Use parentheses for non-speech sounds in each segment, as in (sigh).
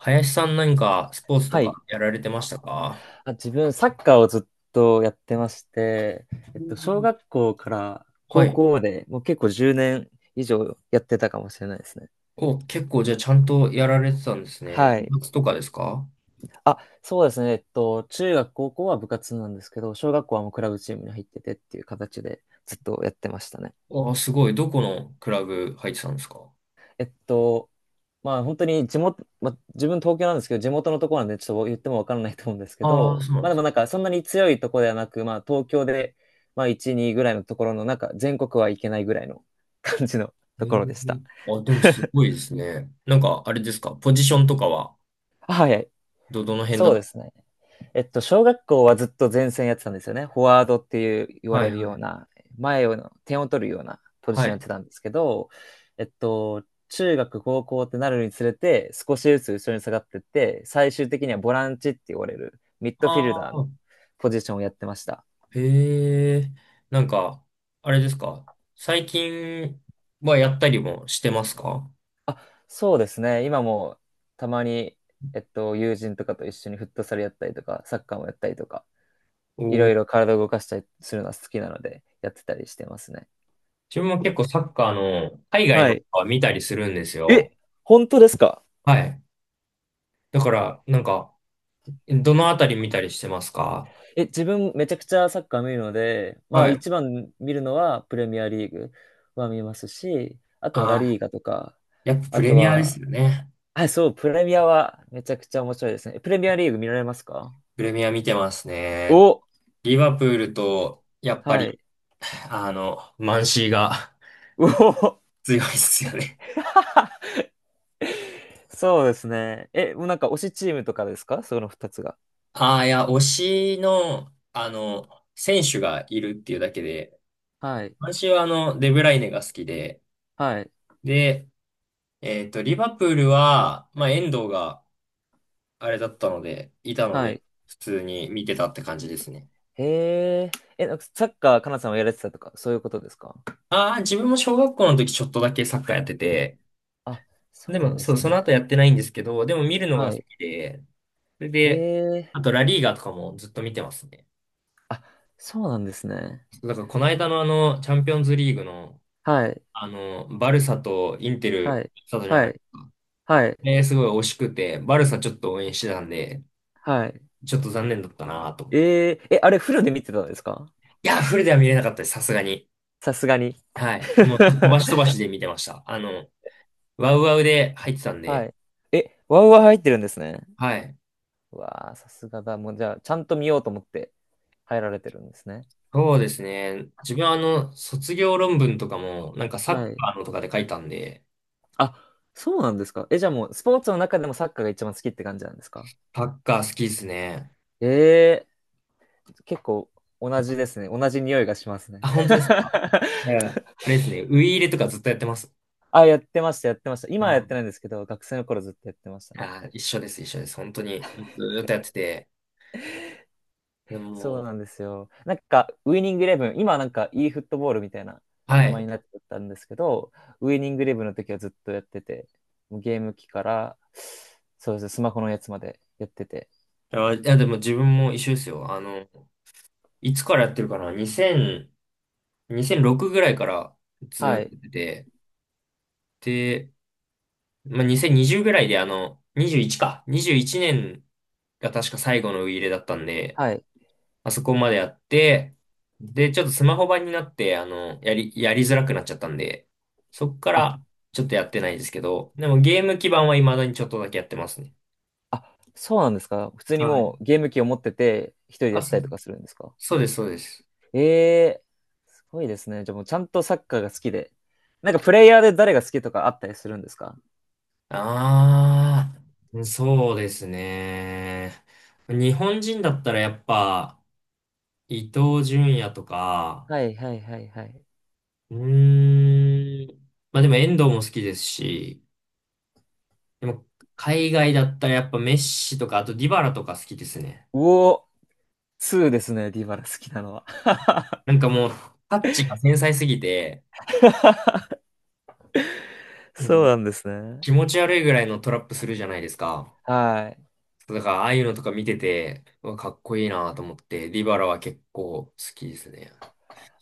林さん何かスポーツとはい。かやられてましたか？あ、自分、サッカーをずっとやってまして、小学校からは高い。校まで、もう結構10年以上やってたかもしれないですね。お、結構じゃあちゃんとやられてたんですね。はい。部活とかですか？あ、そうですね。中学、高校は部活なんですけど、小学校はもうクラブチームに入っててっていう形でずっとやってましたね。あ、すごい。どこのクラブ入ってたんですか？えっと、まあ本当に地元、まあ、自分東京なんですけど、地元のところなんでちょっと言ってもわからないと思うんですけああー、ど、そうなんまあでです。もなんかそんなに強いところではなく、まあ東京で、まあ1、2ぐらいのところの、なんか全国はいけないぐらいの感じのえところでしー、た。あ、でもす (laughs) ごいですね。なんか、あれですか、ポジションとかは、あ、はいはい。ど、どの辺だそっうたですね。小学校はずっと前線やってたんですよね。フォワードっていう言わはれいるはようい。な、前を、点を取るようなポジはションやっい。てたんですけど、中学、高校ってなるにつれて、少しずつ後ろに下がってって、最終的にはボランチって言われる、ミッドフィルあダーのあ、ポジションをやってました。へえ。なんか、あれですか、最近はやったりもしてますか？あ、そうですね。今もたまに、友人とかと一緒にフットサルやったりとか、サッカーもやったりとか、いろお、いろ体を動かしたりするのは好きなので、やってたりしてますね。自分も結構サッカーの海外はのい。は見たりするんですえ、よ。本当ですか？はい。だから、なんか、どのあたり見たりしてますか？え、自分めちゃくちゃサッカー見るので、まはあい。一番見るのはプレミアリーグは見ますし、ああとはラリあ、ーガとか、やっぱプあレとミアでは、すよね。あ、そう、プレミアはめちゃくちゃ面白いですね。え、プレミアリーグ見られますか？プレミア見てますね。お、リバプールと、やっぱはい。り、あの、マンシーが おお、(laughs) 強いですよね。(laughs) そうですね。え、もうなんか推しチームとかですか、その二つが。ああ、いや、推しの、あの、選手がいるっていうだけで、はい。私はあの、デブライネが好きで、はい。で、えっと、リバプールは、まあ、遠藤があれだったので、いたのはで、い。普通に見てたって感じですね。へえ。え、なんかサッカー、かなさんはやられてたとか、そういうことですか？ああ、自分も小学校の時ちょっとだけサッカーやってて、あ、そでうなんも、でそう、すそのね。後やってないんですけど、でも見るのがは好い。きで、それへで、え。あとラリーガとかもずっと見てますね。あ、そうなんですね。だからこの間のあの、チャンピオンズリーグの、はい。あの、バルサとインテはル、い。サとじゃはない。い。はい。えー、すごい惜しくて、バルサちょっと応援してたんで、はい。ちょっと残念だったなぁと。ええ、え、あれフルで見てたんですか？いや、フルでは見れなかったです、さすがに。さすがに。はい。もう、飛ばし飛ばし (laughs) で見てました。あの、ワウワウで入ってたんはで、い。え、ワウワウ入ってるんですね。はい。うわあ、さすがだ。もうじゃあ、ちゃんと見ようと思って入られてるんですね。そうですね。自分はあの、卒業論文とかも、なんかサッはい。カーのとかで書いたんで、あ、そうなんですか。え、じゃあもう、スポーツの中でもサッカーが一番好きって感じなんですか？サッカー好きですね。ええ、結構同じですね。同じ匂いがしますね。あ、本当ですか？い (laughs) や、あれですね。ウイイレとかずっとやってます。あ、やってました、やってました。今ははやってい。ないんですけど、学生の頃ずっとやってましたね。あ、一緒です、一緒です。本当に。ずーっとやってて。でそうも、なんですよ。なんか、ウイニングイレブン、今はなんか e フットボールみたいなは名前い。になっちゃったんですけど、ウイニングイレブンの時はずっとやってて、もうゲーム機から、そうですね、スマホのやつまでやってて。いや、いやでも自分も一緒ですよ。あの、いつからやってるかな？ 2000、2006ぐらいからずーはっとい、やってて、まあ、2020ぐらいであの、21か。21年が確か最後のウイイレだったんで、はい。まあそこまでやって、で、ちょっとスマホ版になって、あの、やりづらくなっちゃったんで、そっかあ、らちょっとやってないですけど、でもゲーム基盤は未だにちょっとだけやってますね。あ、そうなんですか。普通にはい。もうゲーム機を持ってて、一人であ、やってそ、たりとかするんですか。そうです、そうです。ええー、すごいですね。じゃあもうちゃんとサッカーが好きで。なんかプレイヤーで誰が好きとかあったりするんですか？ああ、そうですね。日本人だったらやっぱ、伊東純也とか、はいはいはいはい。うーん。まあでも遠藤も好きですし、でも海外だったらやっぱメッシとか、あとディバラとか好きですね。うお、2ですね、ディバラ好きなのは。なんかもうタッチが繊細すぎて、(laughs) なんかそうもうなんですね。気持ち悪いぐらいのトラップするじゃないですか。はい。だからああいうのとか見てて、うわかっこいいなと思って、ディバラは結構好きですね。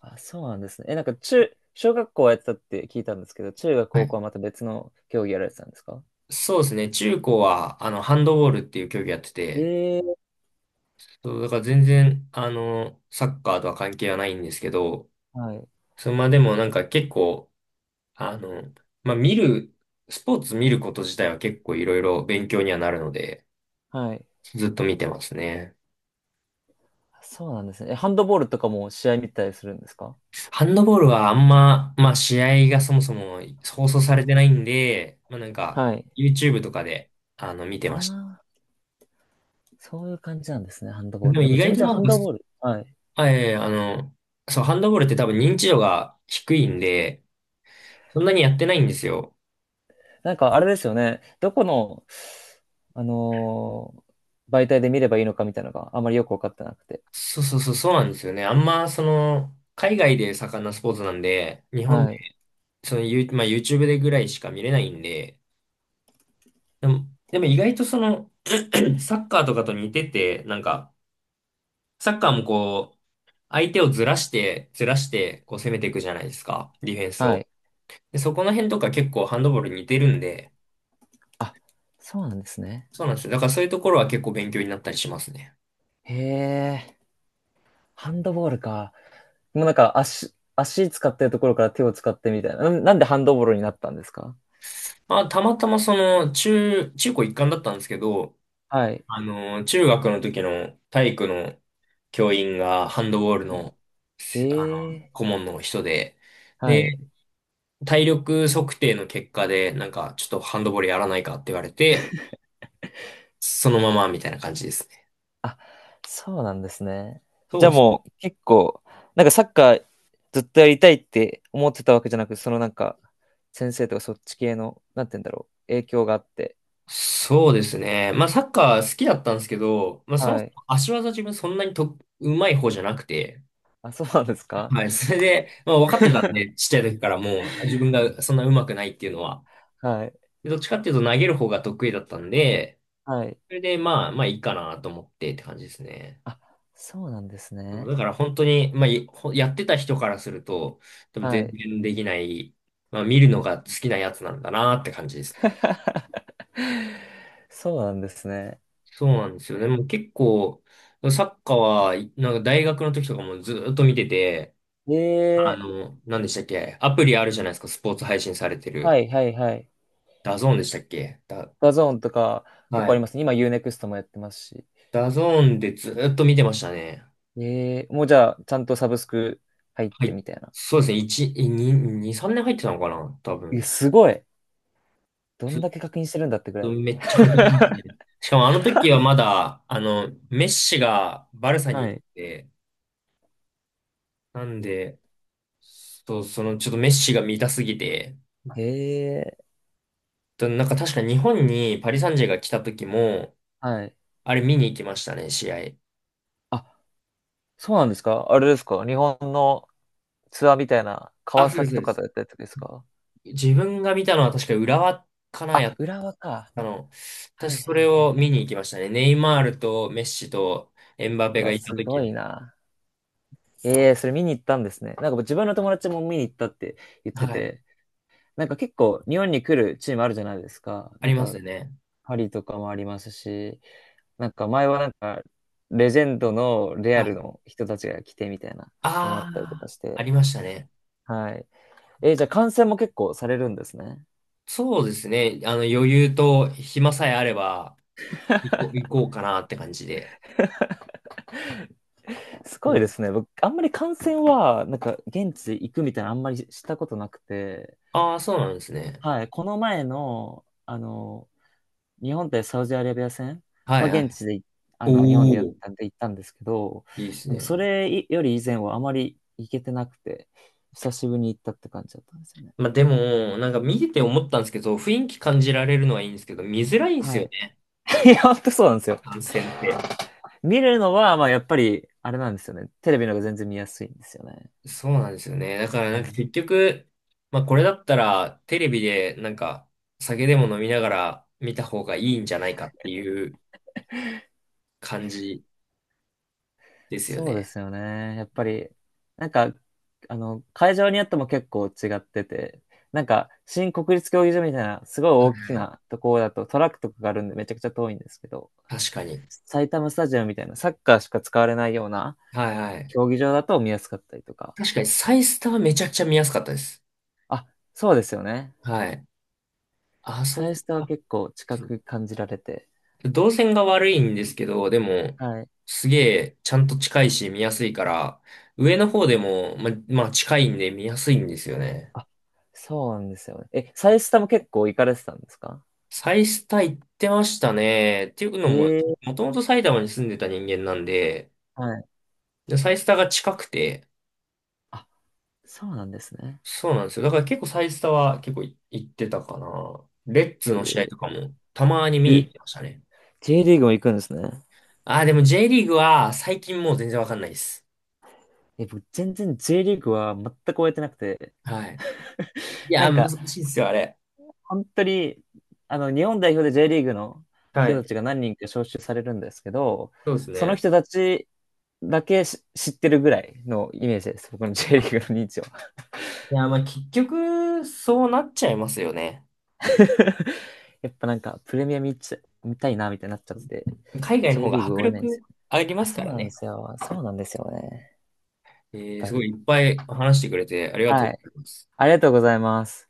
あ、そうなんですね。え、なんか中、小学校はやってたって聞いたんですけど、中学、は高校い、はまた別の競技やられてたんですか？そうですね。中高は、あの、ハンドボールっていう競技やってて、ええ、そう、だから全然、あの、サッカーとは関係はないんですけど、はい。そのまあでもなんか結構、あの、まあ、見る、スポーツ見ること自体は結構いろいろ勉強にはなるので、はい。ずっと見てますね。あ、そうなんですね。え、ハンドボールとかも試合見たりするんですか？ハンドボールはあんま、まあ、試合がそもそも放送されてないんで、まあ、なんか、はい。YouTube とかで、あの、見てあましあ、そういう感じなんですね、ハンドた。ボでール。もなん意か外全と然なハんンか、ドボール。はい。あええあの、そう、ハンドボールって多分認知度が低いんで、そんなにやってないんですよ。なんかあれですよね。どこの、あのー媒体で見ればいいのかみたいなのがあまりよくわかってなくて。そうそうそう、そうなんですよね。あんま、その、海外で盛んなスポーツなんで、日本はで、い。その、ユーまあ、YouTube でぐらいしか見れないんで、でも、でも意外とその、(clears throat) サッカーとかと似てて、なんか、サッカーもこう、相手をずらして、ずらして、こう攻めていくじゃないですか、ディフェンスはを。い。で、そこの辺とか結構ハンドボールに似てるんで、あ、そうなんですね。そうなんですよ。だからそういうところは結構勉強になったりしますね。へえ、ハンドボールか。もうなんか足、足使ってるところから手を使ってみたいな。なんでハンドボールになったんですか？まあ、たまたまその、中、中高一貫だったんですけど、はい。あの、中学の時の体育の教員がハンドボールの、せあへの、え、顧問の人で、はい。体力測定の結果で、なんか、ちょっとハンドボールやらないかって言われて、そのままみたいな感じですね。あ、そうなんですね。そじゃう、あもう結構、なんかサッカーずっとやりたいって思ってたわけじゃなく、そのなんか、先生とかそっち系の、なんて言うんだろう、影響があって。そうですね。まあ、サッカー好きだったんですけど、まあ、そもはそい。も足技自分そんなにと、うまい方じゃなくて、あ、そうなんですか？はい、それで、まあ、分かってたんで、ちっちゃい時からもう、自分がそんなうまくないっていうのは。はい。でどっちかっていうと投げる方が得意だったんで、はい。それで、まあ、まあいいかなと思ってって感じですね。あ、そうなんですね。だから本当に、まあ、いほやってた人からすると、多分は全い。然できない、まあ、見るのが好きなやつなんだなって感じですね。(laughs) そうなんですね。そうなんですよね。もう結構、サッカーは、なんか大学の時とかもずーっと見てて、あええ、の、何でしたっけ、アプリあるじゃないですか、スポーツ配信されてはる。いはいはい。ダゾーンでしたっけだ、ダゾーンとか結は構ありい。ますね。今 U-NEXT もやってますし。ダゾーンでずーっと見てましたね。ええ、もうじゃあちゃんとサブスク入っはてい。みたいな。そうですね。1、2、2、3年入ってたのかな多え、分。すごい。どんずだけ確認してるんだってぐらい。めっちゃ感激しますね。しかもあの時はまだ、あの、メッシがバルサには行っい。て、なんで、そう、そのちょっとメッシが見たすぎて、へえ。となんか確か日本にパリ・サンジェが来た時も、はい。あれ見に行きましたね、試合。あ、そうなんですか？あれですか、日本のツアーみたいな、川あ、そうです、崎そうとでかだす。ったやつですか？自分が見たのは確か浦和かな、やあ、っ浦和か。たの。はい私そはいれはをい。見に行きましたね。ネイマールとメッシとエンバうペがわ、いたすご時の。いな。あ、ええ、それ見に行ったんですね。なんか自分の友達も見に行ったって言ってはい。て、なんか結構日本に来るチームあるじゃないですか。あなんりますか、よね。パリとかもありますし、なんか前はなんか、レジェンドのレはアい。ルの人たちが来てみたいなのもあったりとあかあ、しあて、りましたね。はい。えー、じゃあ観戦も結構されるんですね。そうですね。あの、余裕と暇さえあれば、行 (laughs) こう、行こうかなって感じで。すうごいでん。すね。僕、あんまり観戦は、なんか、現地行くみたいな、あんまりしたことなくて、ああ、そうなんですね。はい、この前の、日本対サウジアラビア戦ははいは現い。地で、日本でやっおお、たんで行ったんですけど、いいですでもそね。れより以前はあまり行けてなくて、久しぶりに行ったって感じだったんですよね。まあでも、なんか見てて思ったんですけど、雰囲気感じられるのはいいんですけど、見づらいんですはよい。ね、(laughs) いや、本当そうなんですよ。感染って。見るのは、まあ、やっぱり、あれなんですよね。テレビの方が全然見やすいんですよね。そうなんですよね。だからはなんかい、結局、まあこれだったら、テレビでなんか、酒でも飲みながら見た方がいいんじゃないかっていう感じですよそうでね。すよね。やっぱり、なんか、会場によっても結構違ってて、なんか、新国立競技場みたいな、すごい大きはい。なところだとトラックとかがあるんでめちゃくちゃ遠いんですけど、確かに。埼玉スタジアムみたいな、サッカーしか使われないようなはいはい。競技場だと見やすかったりとか。確かにサイスタはめちゃくちゃ見やすかったです。あ、そうですよね。はい。あそサイこスタはが、結構近そうく感じられて。動線が悪いんですけど、でも、はい。すげえちゃんと近いし見やすいから、上の方でも、ま、まあ近いんで見やすいんですよね。そうなんですよね。え、サイスタも結構行かれてたんですか？サイスタ行ってましたね。っていうのも、ええ、もともと埼玉に住んでた人間なんで、はい。でサイスタが近くて、あ、そうなんですね。そうなんですよ。だから結構サイスタは結構い行ってたかな。レッズの試合えとかー、もたまに見に行っえ、てましたね。J リーグも行くんですね。ああ、でも J リーグは最近もう全然わかんないです。え、僕、全然 J リーグは全く終えてなくて、はい。いなや、ん難か、しいですよ、あれ。本当に、日本代表で J リーグのは人たい。ちが何人か招集されるんですけど、そうですそのね。人たちだけし知ってるぐらいのイメージです。僕の J リーグの認知を。いや、まあ結局、そうなっちゃいますよね。(laughs) やっぱなんか、プレミア見ちゃ、見たいな、みたいになっちゃって、海外の J 方リがーグ迫終えないんです力よ。ありまあ、すそかうらなんでね。すよ。そうなんですよね。えやっー、ぱすごり。いいっぱい話してくれてありがとうはごい。ざいます。ありがとうございます。